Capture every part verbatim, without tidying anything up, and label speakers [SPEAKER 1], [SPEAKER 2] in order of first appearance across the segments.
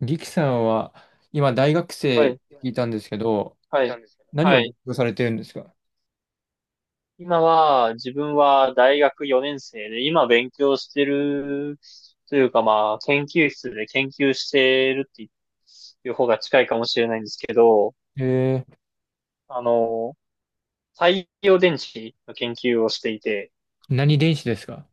[SPEAKER 1] リキさんは今大学
[SPEAKER 2] は
[SPEAKER 1] 生っ
[SPEAKER 2] い、
[SPEAKER 1] て聞いたんですけど、
[SPEAKER 2] はい、なんですけど。
[SPEAKER 1] 何
[SPEAKER 2] は
[SPEAKER 1] を勉
[SPEAKER 2] い。
[SPEAKER 1] 強されてるんですか？
[SPEAKER 2] 今は、自分は大学よねん生で、今勉強してる、というかまあ、研究室で研究してるっていう方が近いかもしれないんですけど、
[SPEAKER 1] えー、
[SPEAKER 2] あの、太陽電池の研究をしていて、
[SPEAKER 1] 何電子ですか？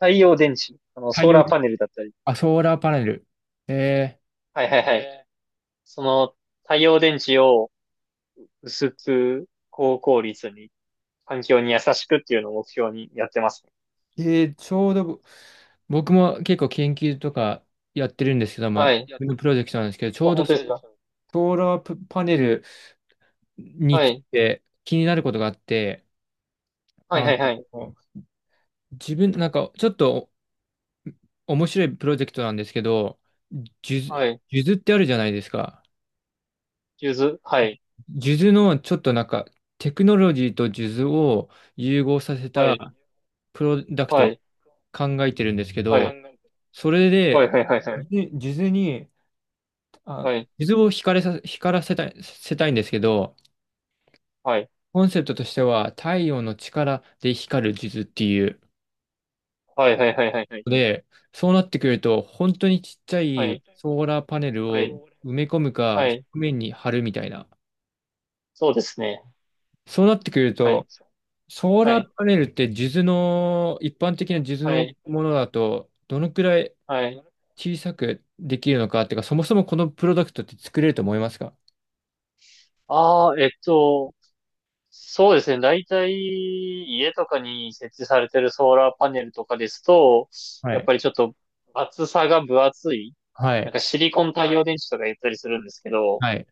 [SPEAKER 2] 太陽電池、あの、
[SPEAKER 1] 太
[SPEAKER 2] ソー
[SPEAKER 1] 陽
[SPEAKER 2] ラー
[SPEAKER 1] 電、
[SPEAKER 2] パネルだったり、
[SPEAKER 1] あ、ソーラーパネル。え
[SPEAKER 2] はいはいはい。へー。その太陽電池を薄く高効率に環境に優しくっていうのを目標にやってますね。
[SPEAKER 1] ー、えーちょうどぼ僕も結構研究とかやってるんですけど、まあ、
[SPEAKER 2] は
[SPEAKER 1] 自
[SPEAKER 2] い。やっ
[SPEAKER 1] 分
[SPEAKER 2] て、
[SPEAKER 1] のプロジェクトなんですけど、ちょ
[SPEAKER 2] 本
[SPEAKER 1] うど
[SPEAKER 2] 当で
[SPEAKER 1] ソ
[SPEAKER 2] すか？
[SPEAKER 1] ソーラープパネルに
[SPEAKER 2] は
[SPEAKER 1] つい
[SPEAKER 2] い。
[SPEAKER 1] て気になることがあって、
[SPEAKER 2] はい
[SPEAKER 1] あ
[SPEAKER 2] は
[SPEAKER 1] の、
[SPEAKER 2] いはい。
[SPEAKER 1] 自分、なんかちょっと面白いプロジェクトなんですけど、数珠
[SPEAKER 2] はい。
[SPEAKER 1] 数珠ってあるじゃないですか。
[SPEAKER 2] ゆず。はい。
[SPEAKER 1] 数珠のちょっとなんかテクノロジーと数珠を融合させ
[SPEAKER 2] は
[SPEAKER 1] た
[SPEAKER 2] い。
[SPEAKER 1] プロダク
[SPEAKER 2] は
[SPEAKER 1] トを
[SPEAKER 2] い。
[SPEAKER 1] 考えてるんですけど、
[SPEAKER 2] は
[SPEAKER 1] それ
[SPEAKER 2] い。は
[SPEAKER 1] で
[SPEAKER 2] い。はい。はい。
[SPEAKER 1] 数珠数珠に、あ、数珠を光らさ、光らせたい、せたいんですけど、コンセプトとしては太陽の力で光る数珠っていう。
[SPEAKER 2] はいはいはいはい。
[SPEAKER 1] で、そうなってくると本当にちっちゃ
[SPEAKER 2] はいはい
[SPEAKER 1] い
[SPEAKER 2] はいはい。は
[SPEAKER 1] ソーラーパネルを
[SPEAKER 2] い。
[SPEAKER 1] 埋め込むか、
[SPEAKER 2] はい。は
[SPEAKER 1] 表
[SPEAKER 2] い。
[SPEAKER 1] 面に貼るみたいな。
[SPEAKER 2] そうですね。
[SPEAKER 1] そうなってくる
[SPEAKER 2] はい。
[SPEAKER 1] と、
[SPEAKER 2] そう。
[SPEAKER 1] ソー
[SPEAKER 2] は
[SPEAKER 1] ラ
[SPEAKER 2] い。
[SPEAKER 1] ーパネルって数珠の、一般的な数珠
[SPEAKER 2] は
[SPEAKER 1] の
[SPEAKER 2] い、
[SPEAKER 1] ものだと、どのくらい
[SPEAKER 2] はですい。ね。
[SPEAKER 1] 小さくできるのかっていうか、そもそもこのプロダクトって作れると思いますか？
[SPEAKER 2] ああ、えっと、そうですね。大体、家とかに設置されてるソーラーパネルとかですと、
[SPEAKER 1] は
[SPEAKER 2] やっ
[SPEAKER 1] い。
[SPEAKER 2] ぱりちょっと厚さが分厚い、
[SPEAKER 1] は
[SPEAKER 2] なん
[SPEAKER 1] い。
[SPEAKER 2] かシリコン太陽電池とか言ったりするんですけど、
[SPEAKER 1] はい。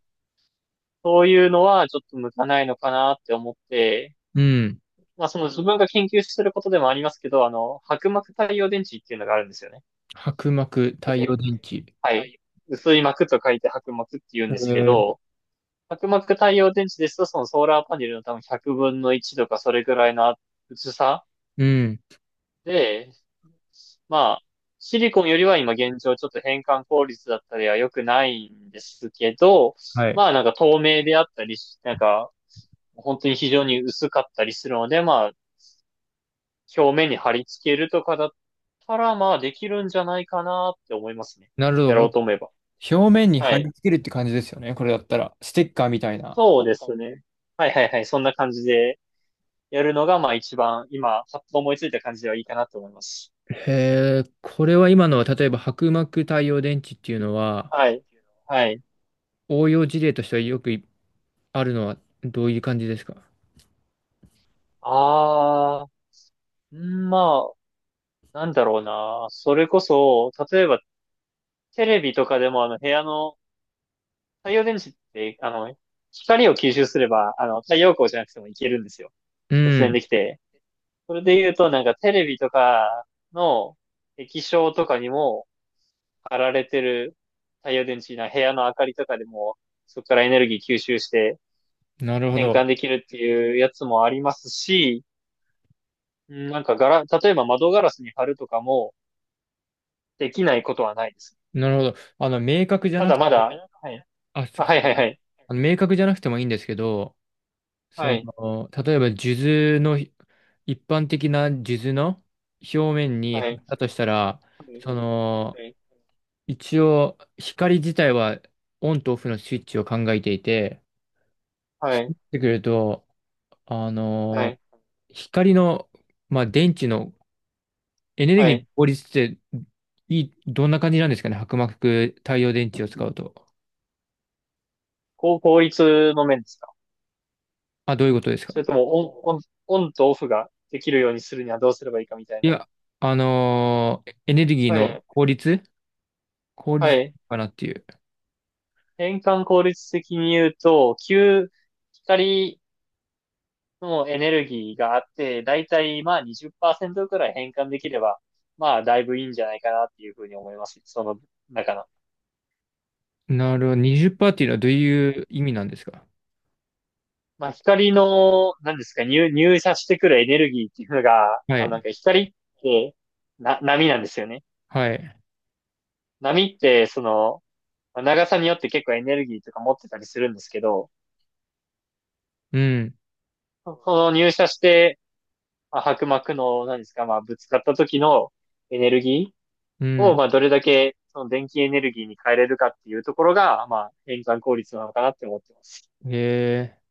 [SPEAKER 2] そういうのはちょっと向かないのかなって思って、
[SPEAKER 1] うん。
[SPEAKER 2] まあ、その自分が研究することでもありますけど、あの、薄膜太陽電池っていうのがあるんですよね。
[SPEAKER 1] 薄膜、太陽
[SPEAKER 2] で、
[SPEAKER 1] 電池。
[SPEAKER 2] はい。薄い膜と書いて薄膜って言う
[SPEAKER 1] え
[SPEAKER 2] んですけ
[SPEAKER 1] ー、
[SPEAKER 2] ど、薄膜太陽電池ですと、そのソーラーパネルの多分ひゃくぶんのいちとかそれぐらいの薄さ
[SPEAKER 1] うん。
[SPEAKER 2] で、まあ、シリコンよりは今現状ちょっと変換効率だったりは良くないんですけど、
[SPEAKER 1] はい。
[SPEAKER 2] まあなんか透明であったりし、なんか本当に非常に薄かったりするので、まあ表面に貼り付けるとかだったら、まあできるんじゃないかなって思いますね。
[SPEAKER 1] なる
[SPEAKER 2] やろ
[SPEAKER 1] ほ
[SPEAKER 2] う
[SPEAKER 1] ど。
[SPEAKER 2] と思えば。
[SPEAKER 1] 表面に
[SPEAKER 2] は
[SPEAKER 1] 貼り
[SPEAKER 2] い。
[SPEAKER 1] 付けるって感じですよね。これだったら。ステッカーみたいな。
[SPEAKER 2] そうですね。はいはいはい。そんな感じでやるのが、まあ一番今、パッと思いついた感じではいいかなと思います。
[SPEAKER 1] へえ、これは今のは、例えば薄膜太陽電池っていうのは、
[SPEAKER 2] はい。はい。
[SPEAKER 1] 応用事例としてはよくあるのはどういう感じですか？
[SPEAKER 2] あー、んまあ、なんだろうな。それこそ、例えばテレビとかでもあの部屋の太陽電池って、あの、光を吸収すれば、あの、太陽光じゃなくてもいけるんですよ。
[SPEAKER 1] う
[SPEAKER 2] 突然
[SPEAKER 1] ん。
[SPEAKER 2] できて。それで言うと、なんかテレビとかの液晶とかにも貼られてる太陽電池な部屋の明かりとかでも、そこからエネルギー吸収して
[SPEAKER 1] なるほ
[SPEAKER 2] 変
[SPEAKER 1] ど。
[SPEAKER 2] 換できるっていうやつもありますし、うん、なんかガラ、例えば窓ガラスに貼るとかもできないことはないです。
[SPEAKER 1] なるほど。あの、明確じゃ
[SPEAKER 2] た
[SPEAKER 1] なく
[SPEAKER 2] だまだ、
[SPEAKER 1] て、
[SPEAKER 2] はい。
[SPEAKER 1] あ、ち
[SPEAKER 2] あ、
[SPEAKER 1] ょっ
[SPEAKER 2] は
[SPEAKER 1] と
[SPEAKER 2] い
[SPEAKER 1] ご
[SPEAKER 2] はい
[SPEAKER 1] め
[SPEAKER 2] は
[SPEAKER 1] ん。
[SPEAKER 2] い。
[SPEAKER 1] あの、明確じゃなくてもいいんですけど、
[SPEAKER 2] は
[SPEAKER 1] そ
[SPEAKER 2] い。
[SPEAKER 1] の、例えば、数珠の、一般的な数珠の表面に
[SPEAKER 2] は
[SPEAKER 1] 貼
[SPEAKER 2] い。
[SPEAKER 1] ったとしたら、その、
[SPEAKER 2] はい。
[SPEAKER 1] 一応、光自体はオンとオフのスイッチを考えていて、そ
[SPEAKER 2] は
[SPEAKER 1] う
[SPEAKER 2] い。
[SPEAKER 1] なってくると、あ
[SPEAKER 2] は
[SPEAKER 1] の、
[SPEAKER 2] い。
[SPEAKER 1] 光の、まあ、電池のエネル
[SPEAKER 2] は
[SPEAKER 1] ギーの
[SPEAKER 2] い。
[SPEAKER 1] 効率って、いい、どんな感じなんですかね、薄膜太陽電池を使うと。
[SPEAKER 2] こう、効率の面ですか？
[SPEAKER 1] あ、どういうことです
[SPEAKER 2] そ
[SPEAKER 1] か？
[SPEAKER 2] れともオン、オン、オンとオフができるようにするにはどうすればいいかみたい
[SPEAKER 1] い
[SPEAKER 2] な。
[SPEAKER 1] や、あのーエネルギー
[SPEAKER 2] は
[SPEAKER 1] の
[SPEAKER 2] い。
[SPEAKER 1] 効率効
[SPEAKER 2] は
[SPEAKER 1] 率
[SPEAKER 2] い。
[SPEAKER 1] かなっていう。
[SPEAKER 2] 変換効率的に言うと、旧光のエネルギーがあって、だいたいまあにじゅっパーセントくらい変換できれば、まあだいぶいいんじゃないかなっていうふうに思います。その中の。
[SPEAKER 1] なるほど。にじゅっパーセントっパーセントってい
[SPEAKER 2] う
[SPEAKER 1] うのは
[SPEAKER 2] ん、
[SPEAKER 1] どういう意味なんですか？
[SPEAKER 2] まあ光の、何ですか、入、入射してくるエネルギーっていうのが、
[SPEAKER 1] は
[SPEAKER 2] あ、なん
[SPEAKER 1] い。
[SPEAKER 2] か光ってな、波なんですよね。
[SPEAKER 1] はい。
[SPEAKER 2] 波って、その、まあ長さによって結構エネルギーとか持ってたりするんですけど、
[SPEAKER 1] うん。
[SPEAKER 2] その入射してまあ、薄膜の、何ですか、まあ、ぶつかった時のエネルギ
[SPEAKER 1] う
[SPEAKER 2] ーを、
[SPEAKER 1] ん。
[SPEAKER 2] まあ、どれだけ、その電気エネルギーに変えれるかっていうところが、まあ、変換効率なのかなって思ってます。
[SPEAKER 1] へえ。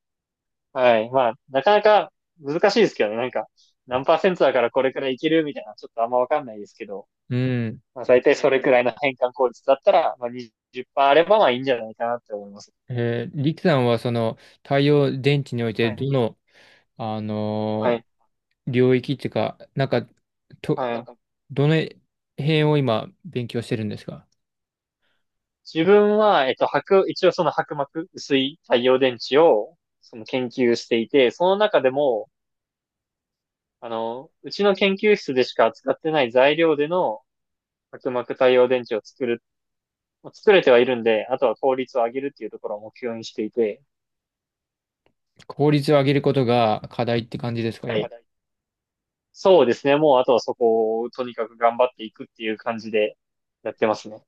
[SPEAKER 2] はい。まあ、なかなか難しいですけどね。なんか、何パーセントだからこれくらいいけるみたいな、ちょっとあんまわかんないですけど、
[SPEAKER 1] うん。
[SPEAKER 2] まあ、大体それくらいの変換効率だったら、まあ、にじゅっパーセントあれば、まあ、いいんじゃないかなって思います。
[SPEAKER 1] えー、リキさんはその太陽電池において
[SPEAKER 2] はい。
[SPEAKER 1] どの、あ
[SPEAKER 2] は
[SPEAKER 1] のー
[SPEAKER 2] い。
[SPEAKER 1] 領域っていうか、なんか、と、
[SPEAKER 2] はい。
[SPEAKER 1] どの辺を今勉強してるんですか？
[SPEAKER 2] 自分は、えっと、白、一応その薄膜、薄い太陽電池を、その研究していて、その中でも、あの、うちの研究室でしか扱ってない材料での薄膜太陽電池を作る、作れてはいるんで、あとは効率を上げるっていうところを目標にしていて、
[SPEAKER 1] 効率を上げることが課題って感じですか、
[SPEAKER 2] は
[SPEAKER 1] 今。
[SPEAKER 2] い。そうですね。もうあとはそこをとにかく頑張っていくっていう感じでやってますね。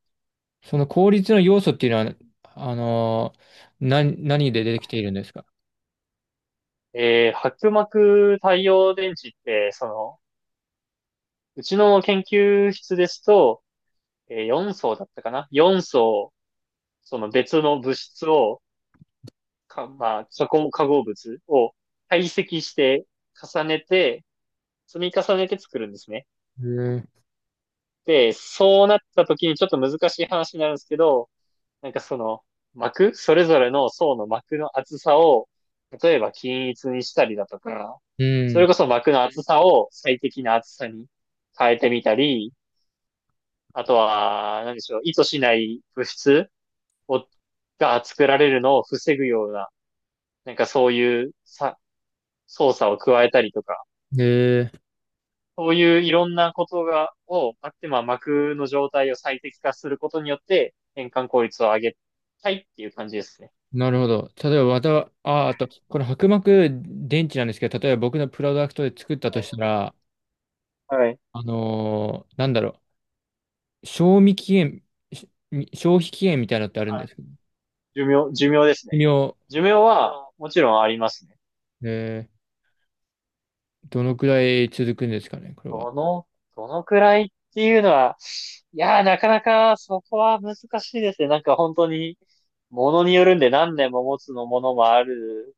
[SPEAKER 1] その効率の要素っていうのは、あのー、な、何で出てきているんですか？
[SPEAKER 2] えー、薄膜太陽電池って、その、うちの研究室ですと、えー、よん層だったかな？ よん 層、その別の物質を、か、まあ、化合化合物を堆積して重ねて、積み重ねて作るんですね。
[SPEAKER 1] へえ。
[SPEAKER 2] で、そうなった時にちょっと難しい話になるんですけど、なんかその膜、それぞれの層の膜の厚さを、例えば均一にしたりだとか、
[SPEAKER 1] う
[SPEAKER 2] それ
[SPEAKER 1] ん。
[SPEAKER 2] こそ膜の厚さを最適な厚さに変えてみたり、あとは、何でしょう、意図しない物質を、が作られるのを防ぐような、なんかそういうさ操作を加えたりとか、
[SPEAKER 1] ええ。
[SPEAKER 2] そういういろんなことが、をあって、まあ、膜の状態を最適化することによって、変換効率を上げたいっていう感じですね。
[SPEAKER 1] なるほど。例えば、また、あ、あと、この薄膜電池なんですけど、例えば僕のプロダクトで作ったとした
[SPEAKER 2] は
[SPEAKER 1] ら、
[SPEAKER 2] い。はい
[SPEAKER 1] あのーなんだろう、賞味期限、し消費期限みたいなのってあるん
[SPEAKER 2] は
[SPEAKER 1] で
[SPEAKER 2] い、
[SPEAKER 1] すけど、
[SPEAKER 2] 寿命、寿命ですね。
[SPEAKER 1] 寿命、
[SPEAKER 2] 寿命は、もちろんありますね。
[SPEAKER 1] ええ、どのくらい続くんですかね、これは。
[SPEAKER 2] どの、どのくらいっていうのは、いやー、なかなかそこは難しいですね。なんか本当に、ものによるんで何年も持つのものもある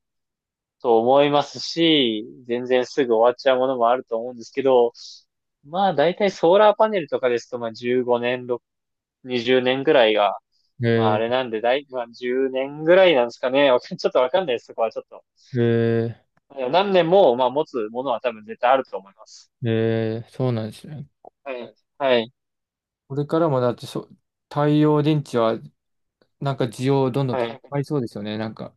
[SPEAKER 2] と思いますし、全然すぐ終わっちゃうものもあると思うんですけど、まあ大体ソーラーパネルとかですと、まあじゅうごねん、ろく、 にじゅうねんぐらいが、まああれ
[SPEAKER 1] え
[SPEAKER 2] なんで、だい、まあじゅうねんぐらいなんですかね。ちょっとわかんないです、そこはちょっと。
[SPEAKER 1] ー、え
[SPEAKER 2] 何年も、まあ持つものは多分絶対あると思います。
[SPEAKER 1] ー、ええ、そうなんですね。
[SPEAKER 2] はい。はい。
[SPEAKER 1] これからもだってそ、太陽電池はなんか需要どんどん
[SPEAKER 2] は
[SPEAKER 1] 高
[SPEAKER 2] い。
[SPEAKER 1] まりそうですよね。なんか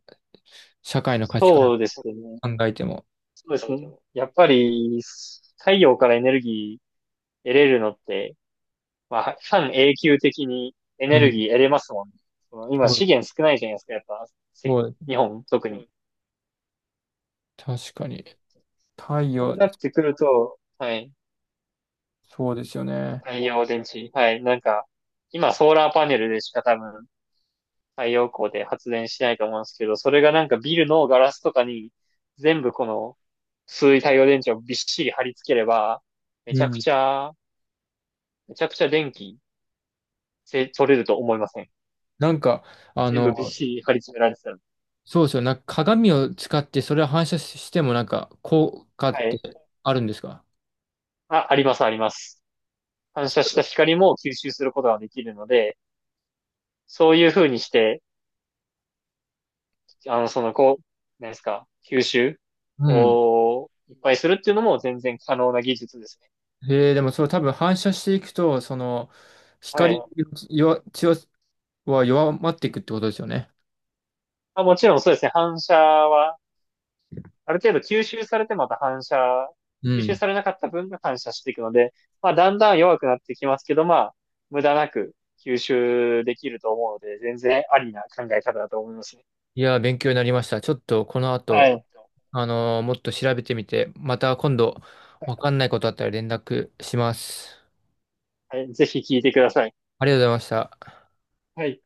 [SPEAKER 1] 社会の価値観
[SPEAKER 2] そうですね。
[SPEAKER 1] 考えても。
[SPEAKER 2] そうですね。やっぱり、太陽からエネルギー得れるのって、まあ、半永久的にエ
[SPEAKER 1] う
[SPEAKER 2] ネル
[SPEAKER 1] ん。
[SPEAKER 2] ギー得れますもんね。その今
[SPEAKER 1] そう、
[SPEAKER 2] 資源少ないじゃないですか、やっぱ、せ
[SPEAKER 1] そう、
[SPEAKER 2] 日本、特に。
[SPEAKER 1] 確かに。太
[SPEAKER 2] そう
[SPEAKER 1] 陽、
[SPEAKER 2] なってくると、はい、
[SPEAKER 1] そうですよね。
[SPEAKER 2] 太陽電池、はい、なんか、今ソーラーパネルでしか多分太陽光で発電しないと思うんですけど、それがなんかビルのガラスとかに全部この薄い太陽電池をびっしり貼り付ければ、めち
[SPEAKER 1] う
[SPEAKER 2] ゃく
[SPEAKER 1] ん。
[SPEAKER 2] ちゃ、めちゃくちゃ電気せ取れると思いません？
[SPEAKER 1] なんか、あ
[SPEAKER 2] 全
[SPEAKER 1] の、
[SPEAKER 2] 部びっしり貼り詰められてたら。
[SPEAKER 1] そうですよ。なんか鏡を使ってそれを反射してもなんか効果っ
[SPEAKER 2] はい。
[SPEAKER 1] てあるんですか？
[SPEAKER 2] あ、あります、あります。反射した光も吸収することができるので、そういう風にして、あの、その、こう、何ですか、吸収
[SPEAKER 1] うん。
[SPEAKER 2] をいっぱいするっていうのも全然可能な技術ですね。
[SPEAKER 1] えー、でもそれ多分反射していくと、その、
[SPEAKER 2] はい。
[SPEAKER 1] 光
[SPEAKER 2] う
[SPEAKER 1] 弱、強は弱まっていくってことですよね。
[SPEAKER 2] ん、あ、もちろんそうですね、反射は、ある程度吸収されてまた反射、
[SPEAKER 1] う
[SPEAKER 2] 吸収
[SPEAKER 1] ん。
[SPEAKER 2] されなかった分が反射していくので、まあ、だんだん弱くなってきますけど、まあ、無駄なく吸収できると思うので、全然ありな考え方だと思いますね。
[SPEAKER 1] いやー、勉強になりました。ちょっとこの
[SPEAKER 2] は
[SPEAKER 1] 後、
[SPEAKER 2] い。
[SPEAKER 1] あのーもっと調べてみて、また今度わかんないことあったら連絡します。
[SPEAKER 2] はい、ぜひ聞いてください。
[SPEAKER 1] ありがとうございました。
[SPEAKER 2] はい。